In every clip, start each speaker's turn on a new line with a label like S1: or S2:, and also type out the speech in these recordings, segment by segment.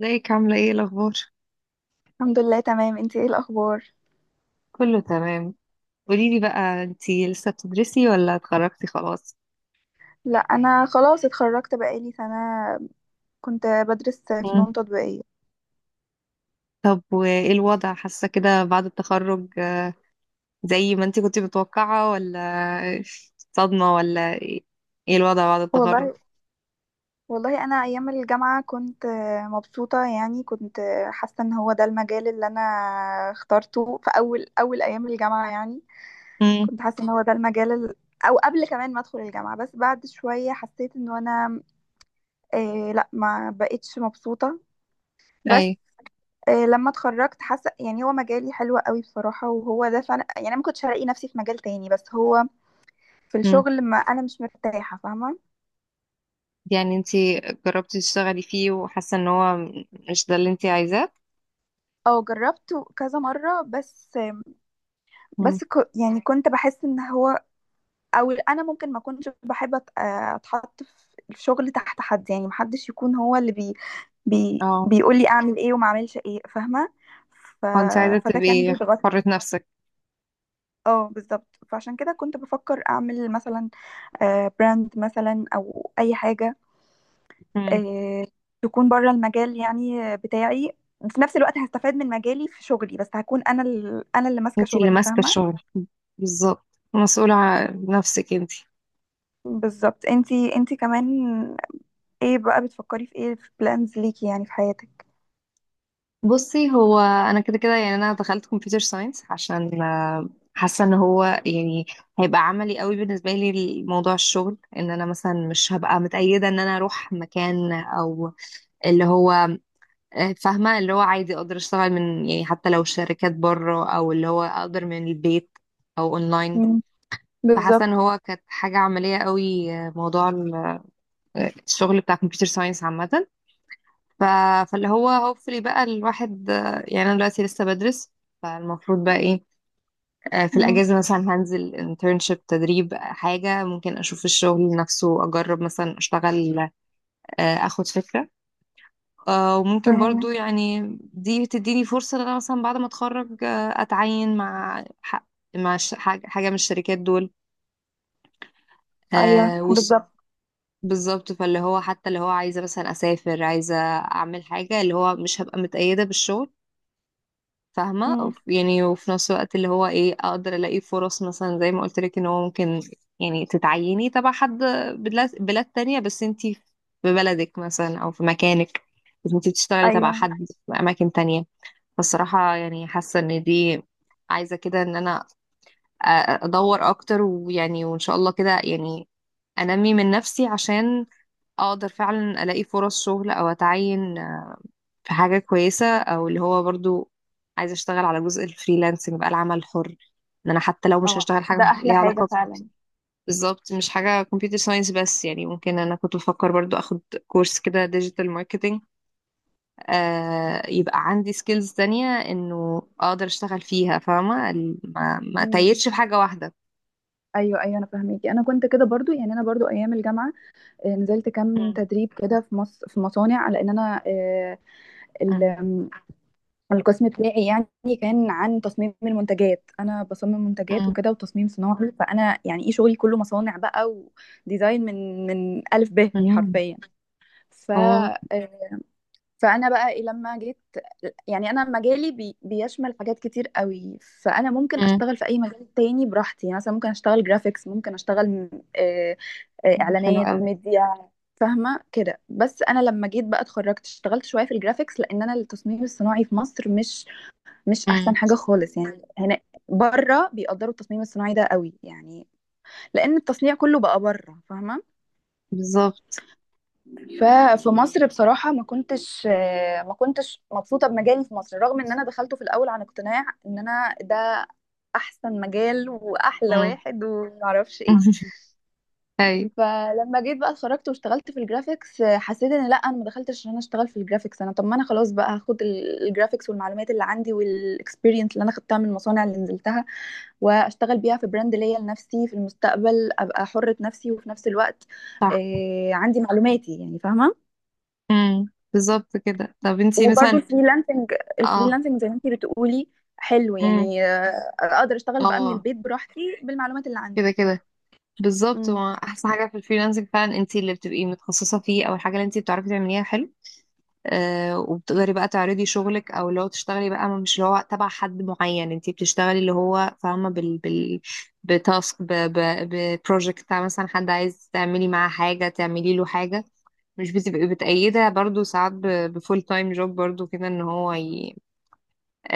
S1: ازيك عاملة ايه الأخبار؟
S2: الحمد لله، تمام. انتي ايه الاخبار؟
S1: كله تمام. قوليلي بقى انتي لسه بتدرسي ولا اتخرجتي خلاص؟
S2: لا، انا خلاص اتخرجت بقالي سنه. كنت بدرس
S1: مم.
S2: فنون تطبيقيه.
S1: طب وايه الوضع حاسة كده بعد التخرج، زي ما انتي كنتي متوقعة ولا صدمة ولا ايه؟ ايه الوضع بعد التخرج؟
S2: والله، والله انا ايام الجامعه كنت مبسوطه، يعني كنت حاسه ان هو ده المجال اللي انا اخترته في اول اول ايام الجامعه، يعني
S1: مم.
S2: كنت حاسه ان هو ده المجال او قبل كمان ما ادخل الجامعه. بس بعد شويه حسيت ان انا لا، ما بقتش مبسوطه بس.
S1: أي.
S2: لما اتخرجت حاسه يعني هو مجالي حلو قوي بصراحه، وهو ده فعلا، يعني انا ما كنتش هلاقي نفسي في مجال تاني، بس هو في
S1: مم.
S2: الشغل ما انا مش مرتاحه، فاهمه.
S1: يعني انتي جربتي تشتغلي فيه وحاسة ان هو مش ده اللي انتي عايزاه؟
S2: او جربته كذا مره بس.
S1: مم.
S2: يعني كنت بحس ان هو، او انا ممكن ما كنتش بحب اتحط في الشغل تحت حد، يعني محدش يكون هو اللي
S1: اه.
S2: بيقول لي اعمل ايه وما اعملش ايه، فاهمه. ف...
S1: هو انتي عايزة
S2: فده كان
S1: تبقي
S2: بيضغطني.
S1: حرة نفسك.
S2: اه، بالظبط. فعشان كده كنت بفكر اعمل مثلا براند مثلا او اي حاجه،
S1: مم.
S2: آه، تكون بره المجال يعني بتاعي. في نفس الوقت هستفاد من مجالي في شغلي، بس هكون انا اللي ماسكه
S1: انتي اللي
S2: شغلي،
S1: ماسكة
S2: فاهمه.
S1: الشغل بالظبط، مسؤولة عن نفسك انتي.
S2: بالظبط. انتي كمان ايه بقى بتفكري في ايه، في بلانز ليكي يعني في حياتك؟
S1: بصي، هو انا كده كده يعني انا دخلت كمبيوتر ساينس عشان، حاسه ان هو يعني هيبقى عملي قوي بالنسبه لي لموضوع الشغل، ان انا مثلا مش هبقى متقيده ان انا اروح مكان او اللي هو، فاهمه؟ اللي هو عادي اقدر اشتغل من، يعني حتى لو شركات بره، او اللي هو اقدر من البيت او اونلاين.
S2: مم.
S1: فحاسه ان
S2: بالظبط.
S1: هو كانت حاجه عمليه قوي، موضوع الشغل بتاع كمبيوتر ساينس عامه. ف... فاللي هو هوبفلي بقى الواحد، يعني انا دلوقتي لسه بدرس، فالمفروض بقى ايه؟ في
S2: مم.
S1: الاجازه مثلا هنزل انترنشيب، تدريب، حاجه ممكن اشوف الشغل نفسه، اجرب مثلا اشتغل، اخد فكره. وممكن
S2: مم.
S1: برضو يعني دي بتديني فرصه ان انا مثلا بعد ما اتخرج، اتعين مع حاجة من الشركات دول،
S2: ايوه
S1: آه، وص-
S2: بالظبط.
S1: بالظبط. فاللي هو حتى اللي هو عايزه مثلا اسافر، عايزه اعمل حاجه، اللي هو مش هبقى متقيده بالشغل، فاهمة؟
S2: مم.
S1: يعني وفي نفس الوقت اللي هو ايه، اقدر الاقي فرص مثلا زي ما قلت لك ان هو ممكن يعني تتعيني تبع حد، بلاد تانية، بس انتي في بلدك مثلا او في مكانك، بس انتي بتشتغلي
S2: ايوه.
S1: تبع حد في اماكن تانية. فالصراحة يعني حاسة ان دي، عايزة كده ان انا، ادور اكتر، ويعني وان شاء الله كده يعني انمي من نفسي عشان اقدر فعلا الاقي فرص شغل او اتعين في حاجة كويسة، او اللي هو برضو عايزة اشتغل على جزء الفريلانسنج بقى، العمل الحر، ان انا حتى لو مش
S2: اه،
S1: هشتغل
S2: ده
S1: حاجة
S2: احلى
S1: ليها
S2: حاجة
S1: علاقة
S2: فعلا.
S1: بالظبط، مش حاجة كمبيوتر ساينس بس، يعني ممكن انا كنت بفكر برضو اخد كورس كده ديجيتال ماركتينج، آه، يبقى عندي سكيلز تانية انه اقدر اشتغل فيها، فاهمة؟ ما
S2: مم.
S1: اتيتش في حاجة واحدة.
S2: ايوه، ايوه، انا فاهميكي. انا كنت كده برضو، يعني انا برضو ايام الجامعه نزلت كام
S1: مم.
S2: تدريب كده في في مصانع، لان انا
S1: مم.
S2: ال- القسم بتاعي يعني كان عن تصميم المنتجات. انا بصمم منتجات
S1: مم.
S2: وكده، وتصميم صناعي، فانا يعني ايه شغلي كله مصانع بقى، وديزاين من الف ب
S1: مم.
S2: حرفيا. ف
S1: اه.
S2: آه، فانا بقى لما جيت، يعني انا مجالي بيشمل حاجات كتير قوي. فانا ممكن
S1: مم.
S2: اشتغل في اي مجال تاني براحتي، يعني مثلا ممكن اشتغل جرافيكس، ممكن اشتغل آه،
S1: حلو
S2: اعلانات،
S1: قوي.
S2: ميديا، فاهمه كده. بس انا لما جيت بقى اتخرجت اشتغلت شويه في الجرافيكس، لان انا التصميم الصناعي في مصر مش، مش
S1: مم.
S2: احسن حاجه خالص يعني هنا. بره بيقدروا التصميم الصناعي ده قوي، يعني لان التصنيع كله بقى بره، فاهمه.
S1: بالظبط.
S2: ففي مصر بصراحة ما كنتش مبسوطة بمجالي في مصر، رغم ان انا دخلته في الاول عن اقتناع ان انا ده احسن مجال واحلى
S1: مم.
S2: واحد ومعرفش ايه.
S1: ايوه.
S2: فلما جيت بقى اتخرجت واشتغلت في الجرافيكس، حسيت ان لا، انا ما دخلتش عشان انا اشتغل في الجرافيكس. انا طب ما انا خلاص بقى هاخد الجرافيكس والمعلومات اللي عندي والاكسبيرينس اللي انا خدتها من المصانع اللي نزلتها، واشتغل بيها في براند ليا لنفسي في المستقبل، ابقى حرة نفسي، وفي نفس الوقت
S1: صح.
S2: عندي معلوماتي يعني، فاهمة.
S1: امم. بالظبط كده. طب انتي
S2: وبرضو
S1: مثلا،
S2: الفريلانسنج،
S1: اه،
S2: الفريلانسنج زي ما انتي بتقولي، حلو
S1: امم،
S2: يعني. اقدر اشتغل بقى من
S1: اه،
S2: البيت براحتي بالمعلومات اللي
S1: كده
S2: عندي.
S1: كده بالظبط.
S2: امم.
S1: ما احسن حاجه في الفريلانسنج فعلا، انتي اللي بتبقي متخصصه فيه او الحاجه اللي انتي بتعرفي تعمليها، حلو. آه، وبتقدري بقى تعرضي شغلك، او اللي هو تشتغلي بقى مش اللي هو تبع حد معين، انتي بتشتغلي اللي هو فاهمه، بال بتاسك، ب ببروجكت بتاع مثلا حد عايز تعملي معاه حاجه، تعملي له حاجه، مش بتبقي بتأيدها برضو ساعات بفول تايم جوب، برضو كده ان هو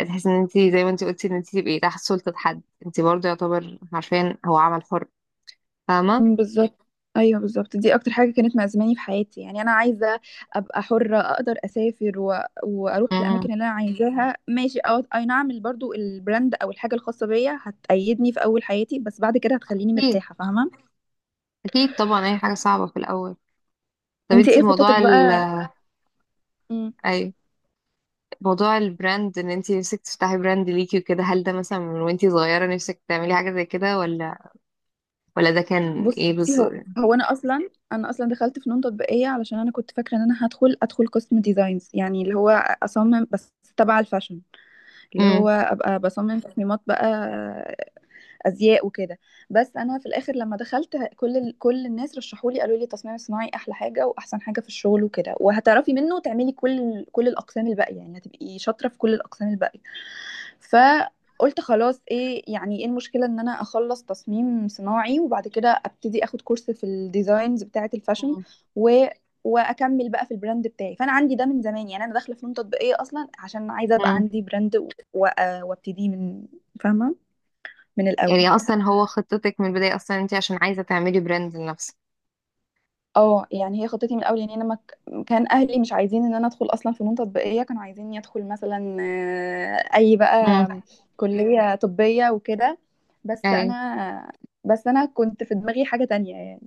S1: تحس ان انت زي ما انت قلتي ان انت تبقي تحت سلطة حد، انت برضه يعتبر عارفين هو عمل حر، فاهمة؟
S2: مم، بالظبط. ايوه بالظبط، دي اكتر حاجه كانت مأزماني في حياتي. يعني انا عايزه ابقى حره، اقدر اسافر واروح
S1: مم.
S2: الاماكن اللي انا عايزاها ماشي. اي نعم، برضو البراند او الحاجه الخاصه بيا هتأيدني في اول حياتي، بس بعد كده هتخليني
S1: اكيد،
S2: مرتاحه، فاهمه.
S1: اكيد طبعا، اي حاجة صعبة في الاول. طب
S2: انت
S1: انت
S2: ايه خطتك
S1: موضوع ال،
S2: بقى؟ مم.
S1: اي، موضوع البراند، ان انت نفسك تفتحي براند ليكي وكده، هل ده مثلا من وانت صغيرة نفسك تعملي حاجة زي كده، ولا ولا ده كان ايه
S2: بصي،
S1: بس؟
S2: هو انا اصلا دخلت فنون تطبيقيه علشان انا كنت فاكره ان انا ادخل قسم ديزاينز، يعني اللي هو اصمم بس تبع الفاشن، اللي هو
S1: امم.
S2: ابقى بصمم تصميمات بقى ازياء وكده. بس انا في الاخر لما كل كل الناس رشحوا لي، قالوا لي التصميم الصناعي احلى حاجه واحسن حاجه في الشغل وكده، وهتعرفي منه تعملي كل كل الاقسام الباقيه، يعني هتبقي شاطره في كل الاقسام الباقيه. فقلت خلاص، ايه يعني ايه المشكله ان انا اخلص تصميم صناعي، وبعد كده ابتدي اخد كورس في الديزاينز بتاعه الفاشن و واكمل بقى في البراند. فاي فانا عندي ده من زمان، يعني انا داخله فنون تطبيقيه اصلا عشان عايزه ابقى
S1: امم.
S2: عندي براند وابتديه من، فاهمه، من الاول.
S1: يعني اصلا هو خطتك من البداية اصلا انت عشان عايزة تعملي براند لنفسك.
S2: اه، يعني هي خطتي من الاول. يعني انا ما ك- كان اهلي مش عايزين ان انا ادخل اصلا فنون تطبيقيه، كانوا عايزيني ادخل مثلا آه، اي
S1: امم.
S2: بقى كليه طبيه وكده. بس
S1: اي.
S2: انا بس انا كنت في دماغي حاجه تانية يعني.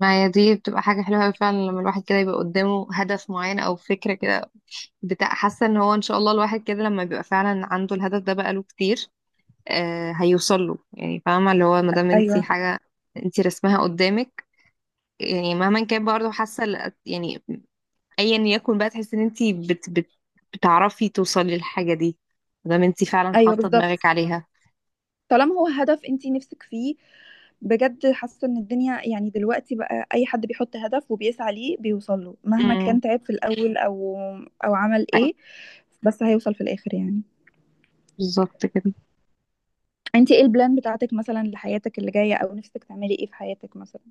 S1: ما هي دي بتبقى حاجة حلوة أوي فعلا، لما الواحد كده يبقى قدامه هدف معين أو فكرة كده بتاع، حاسه ان هو ان شاء الله الواحد كده لما بيبقى فعلا عنده الهدف ده بقاله كتير، آه هيوصل له، يعني فاهمه؟ اللي هو ما دام انت
S2: ايوه،
S1: حاجه انت رسمها قدامك، يعني مهما كان برضه حاسه، يعني ايا يكن بقى، تحسي ان انت بت بتعرفي توصلي للحاجه دي ما دام انت فعلا
S2: ايوه
S1: حاطه
S2: بالظبط.
S1: دماغك عليها.
S2: طالما هو هدف انتي نفسك فيه، بجد حاسه ان الدنيا يعني دلوقتي بقى اي حد بيحط هدف وبيسعى ليه بيوصل له، مهما
S1: امم.
S2: كان تعب في الاول او عمل
S1: حقيقي.
S2: ايه، بس هيوصل في الاخر يعني.
S1: بالظبط كده.
S2: انت ايه البلان بتاعتك مثلا لحياتك اللي جاية، او نفسك تعملي ايه في حياتك مثلا؟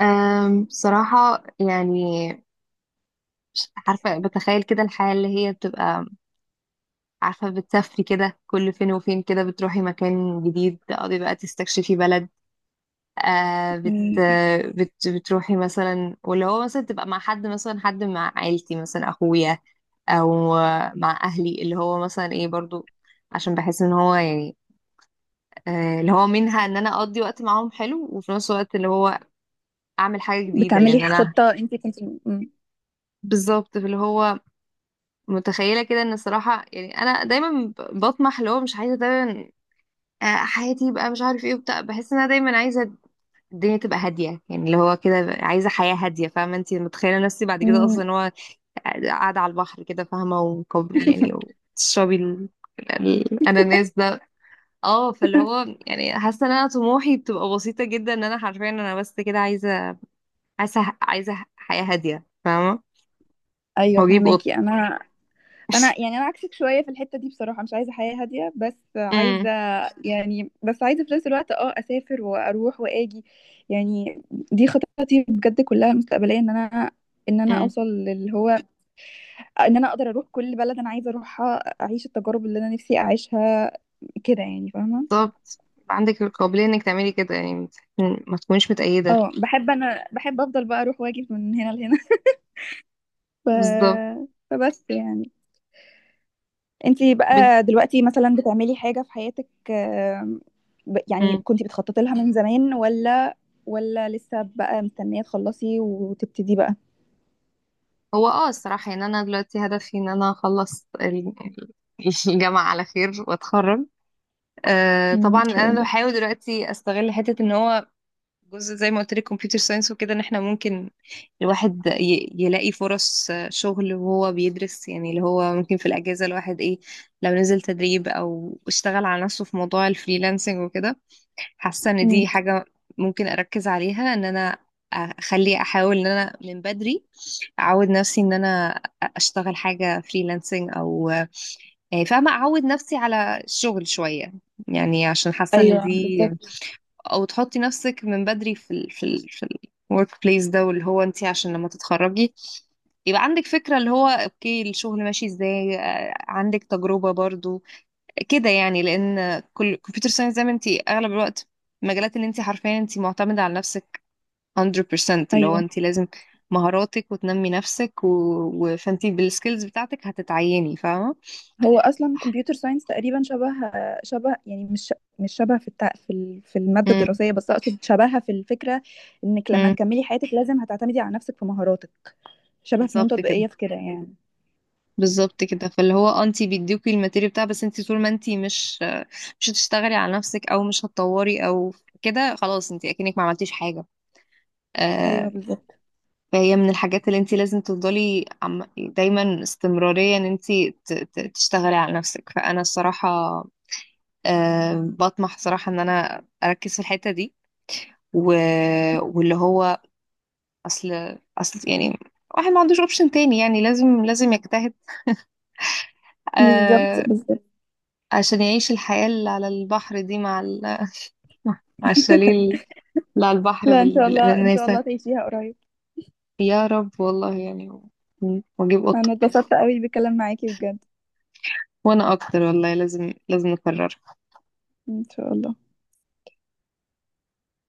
S1: أم، بصراحه يعني مش عارفه، بتخيل كده الحياه اللي هي بتبقى، عارفة بتسافري كده كل فين وفين، كده بتروحي مكان جديد تقعدي بقى تستكشفي بلد، آه بت
S2: مم.
S1: بت بتروحي مثلا، واللي هو مثلا تبقى مع حد مثلا، حد مع عيلتي مثلا، أخويا أو مع أهلي، اللي هو مثلا إيه برضو، عشان بحس إن هو يعني آه اللي هو منها إن أنا أقضي وقت معاهم حلو، وفي نفس الوقت اللي هو أعمل حاجة جديدة،
S2: بتعملي
S1: لأن أنا
S2: خطة انت كنت. مم.
S1: بالظبط اللي هو متخيلة كده، إن الصراحة يعني أنا دايما بطمح اللي هو مش عايزة دايما، حياتي بقى مش عارف ايه وبتاع، بحس ان انا دايما عايزه الدنيا تبقى هاديه، يعني اللي هو كده عايزه حياه هاديه، فاهمه؟ انت متخيله نفسي بعد كده اصلا
S2: مم.
S1: إن هو قاعده على البحر كده، فاهمه؟ وكوب يعني وتشربي الاناناس ده. اه، فاللي هو يعني حاسه ان انا طموحي بتبقى بسيطه جدا، ان انا حرفيا انا بس كده عايزه حياه هاديه، فاهمه؟
S2: ايوه
S1: واجيب قط.
S2: فهماكي انا. انا يعني انا عكسك شويه في الحته دي بصراحه، مش عايزه حياه هاديه، بس عايزه
S1: امم.
S2: يعني، بس عايزه في نفس الوقت اه اسافر واروح واجي. يعني دي خططي بجد كلها مستقبليه، ان انا،
S1: امم
S2: اوصل للي هو ان انا اقدر اروح كل بلد انا عايزه اروحها، اعيش التجارب اللي انا نفسي اعيشها، كده يعني، فاهمه.
S1: بالظبط، يبقى عندك القابليه انك تعملي كده يعني، ما تكونيش متأيده.
S2: اه بحب، انا بحب افضل بقى اروح واجي من هنا لهنا. ف...
S1: بالظبط.
S2: فبس يعني، انتي بقى دلوقتي مثلا بتعملي حاجة في حياتك، يعني
S1: بنت.
S2: كنتي بتخططي لها من زمان، ولا، ولا لسه بقى مستنية تخلصي وتبتدي بقى؟
S1: هو اه الصراحة يعني أنا دلوقتي هدفي إن أنا أخلص الجامعة على خير وأتخرج. آه
S2: مم،
S1: طبعا
S2: ان شاء
S1: أنا
S2: الله.
S1: بحاول دلوقتي أستغل حتة إن هو جزء زي ما قلت لك كمبيوتر ساينس وكده، إن إحنا ممكن الواحد يلاقي فرص، شغل وهو بيدرس، يعني اللي هو ممكن في الأجازة الواحد إيه، لو نزل تدريب أو اشتغل على نفسه في موضوع الفريلانسنج وكده، حاسة إن
S2: مم.
S1: دي حاجة ممكن أركز عليها، إن أنا أخلي أحاول إن أنا من بدري اعود نفسي ان انا اشتغل حاجه فريلانسنج او يعني، فاهمه؟ اعود نفسي على الشغل شويه يعني، عشان حاسه ان
S2: ايوه
S1: دي،
S2: بالظبط.
S1: او تحطي نفسك من بدري في في ال في الورك بليس ده، واللي هو انت عشان لما تتخرجي يبقى عندك فكره اللي هو اوكي الشغل ماشي ازاي، عندك تجربه برضو كده يعني. لان كل كمبيوتر ساينس زي ما انت، اغلب الوقت المجالات اللي انت حرفيا انت معتمده على نفسك 100%، اللي هو
S2: ايوه.
S1: انت لازم مهاراتك وتنمي نفسك فانت بالسكيلز بتاعتك هتتعيني، فاهمه؟
S2: هو اصلا كمبيوتر ساينس تقريبا شبه، يعني مش، مش شبه في في المادة
S1: امم.
S2: الدراسية، بس اقصد شبهها في الفكرة، انك لما
S1: امم
S2: تكملي حياتك لازم هتعتمدي على نفسك في مهاراتك، شبه فنون
S1: بالظبط كده،
S2: تطبيقية في كده يعني.
S1: بالظبط كده. فاللي هو انت بيديكي الماتيريال بتاع، بس انت طول ما انت مش، مش هتشتغلي على نفسك او مش هتطوري او كده، خلاص انت اكنك ما عملتيش حاجه.
S2: ايوه
S1: آه.
S2: بالظبط.
S1: فهي من الحاجات اللي انت لازم تفضلي دايما استمراريه، ان انت تشتغلي على نفسك. فانا الصراحه، آه بطمح صراحه ان انا اركز في الحته دي و... واللي هو، اصل اصل يعني واحد ما عندوش اوبشن تاني، يعني لازم يجتهد،
S2: بالظبط،
S1: آه،
S2: بالظبط.
S1: عشان يعيش الحياة اللي على البحر دي، مع مع الشاليه اللي على البحر،
S2: لا، ان شاء الله، ان شاء
S1: بالأناناسة.
S2: الله تعيشيها قريب.
S1: يا رب والله يعني. واجيب قطة.
S2: انا اتبسطت قوي بالكلام معاكي بجد.
S1: وانا اكتر والله، لازم نكررها.
S2: ان شاء الله.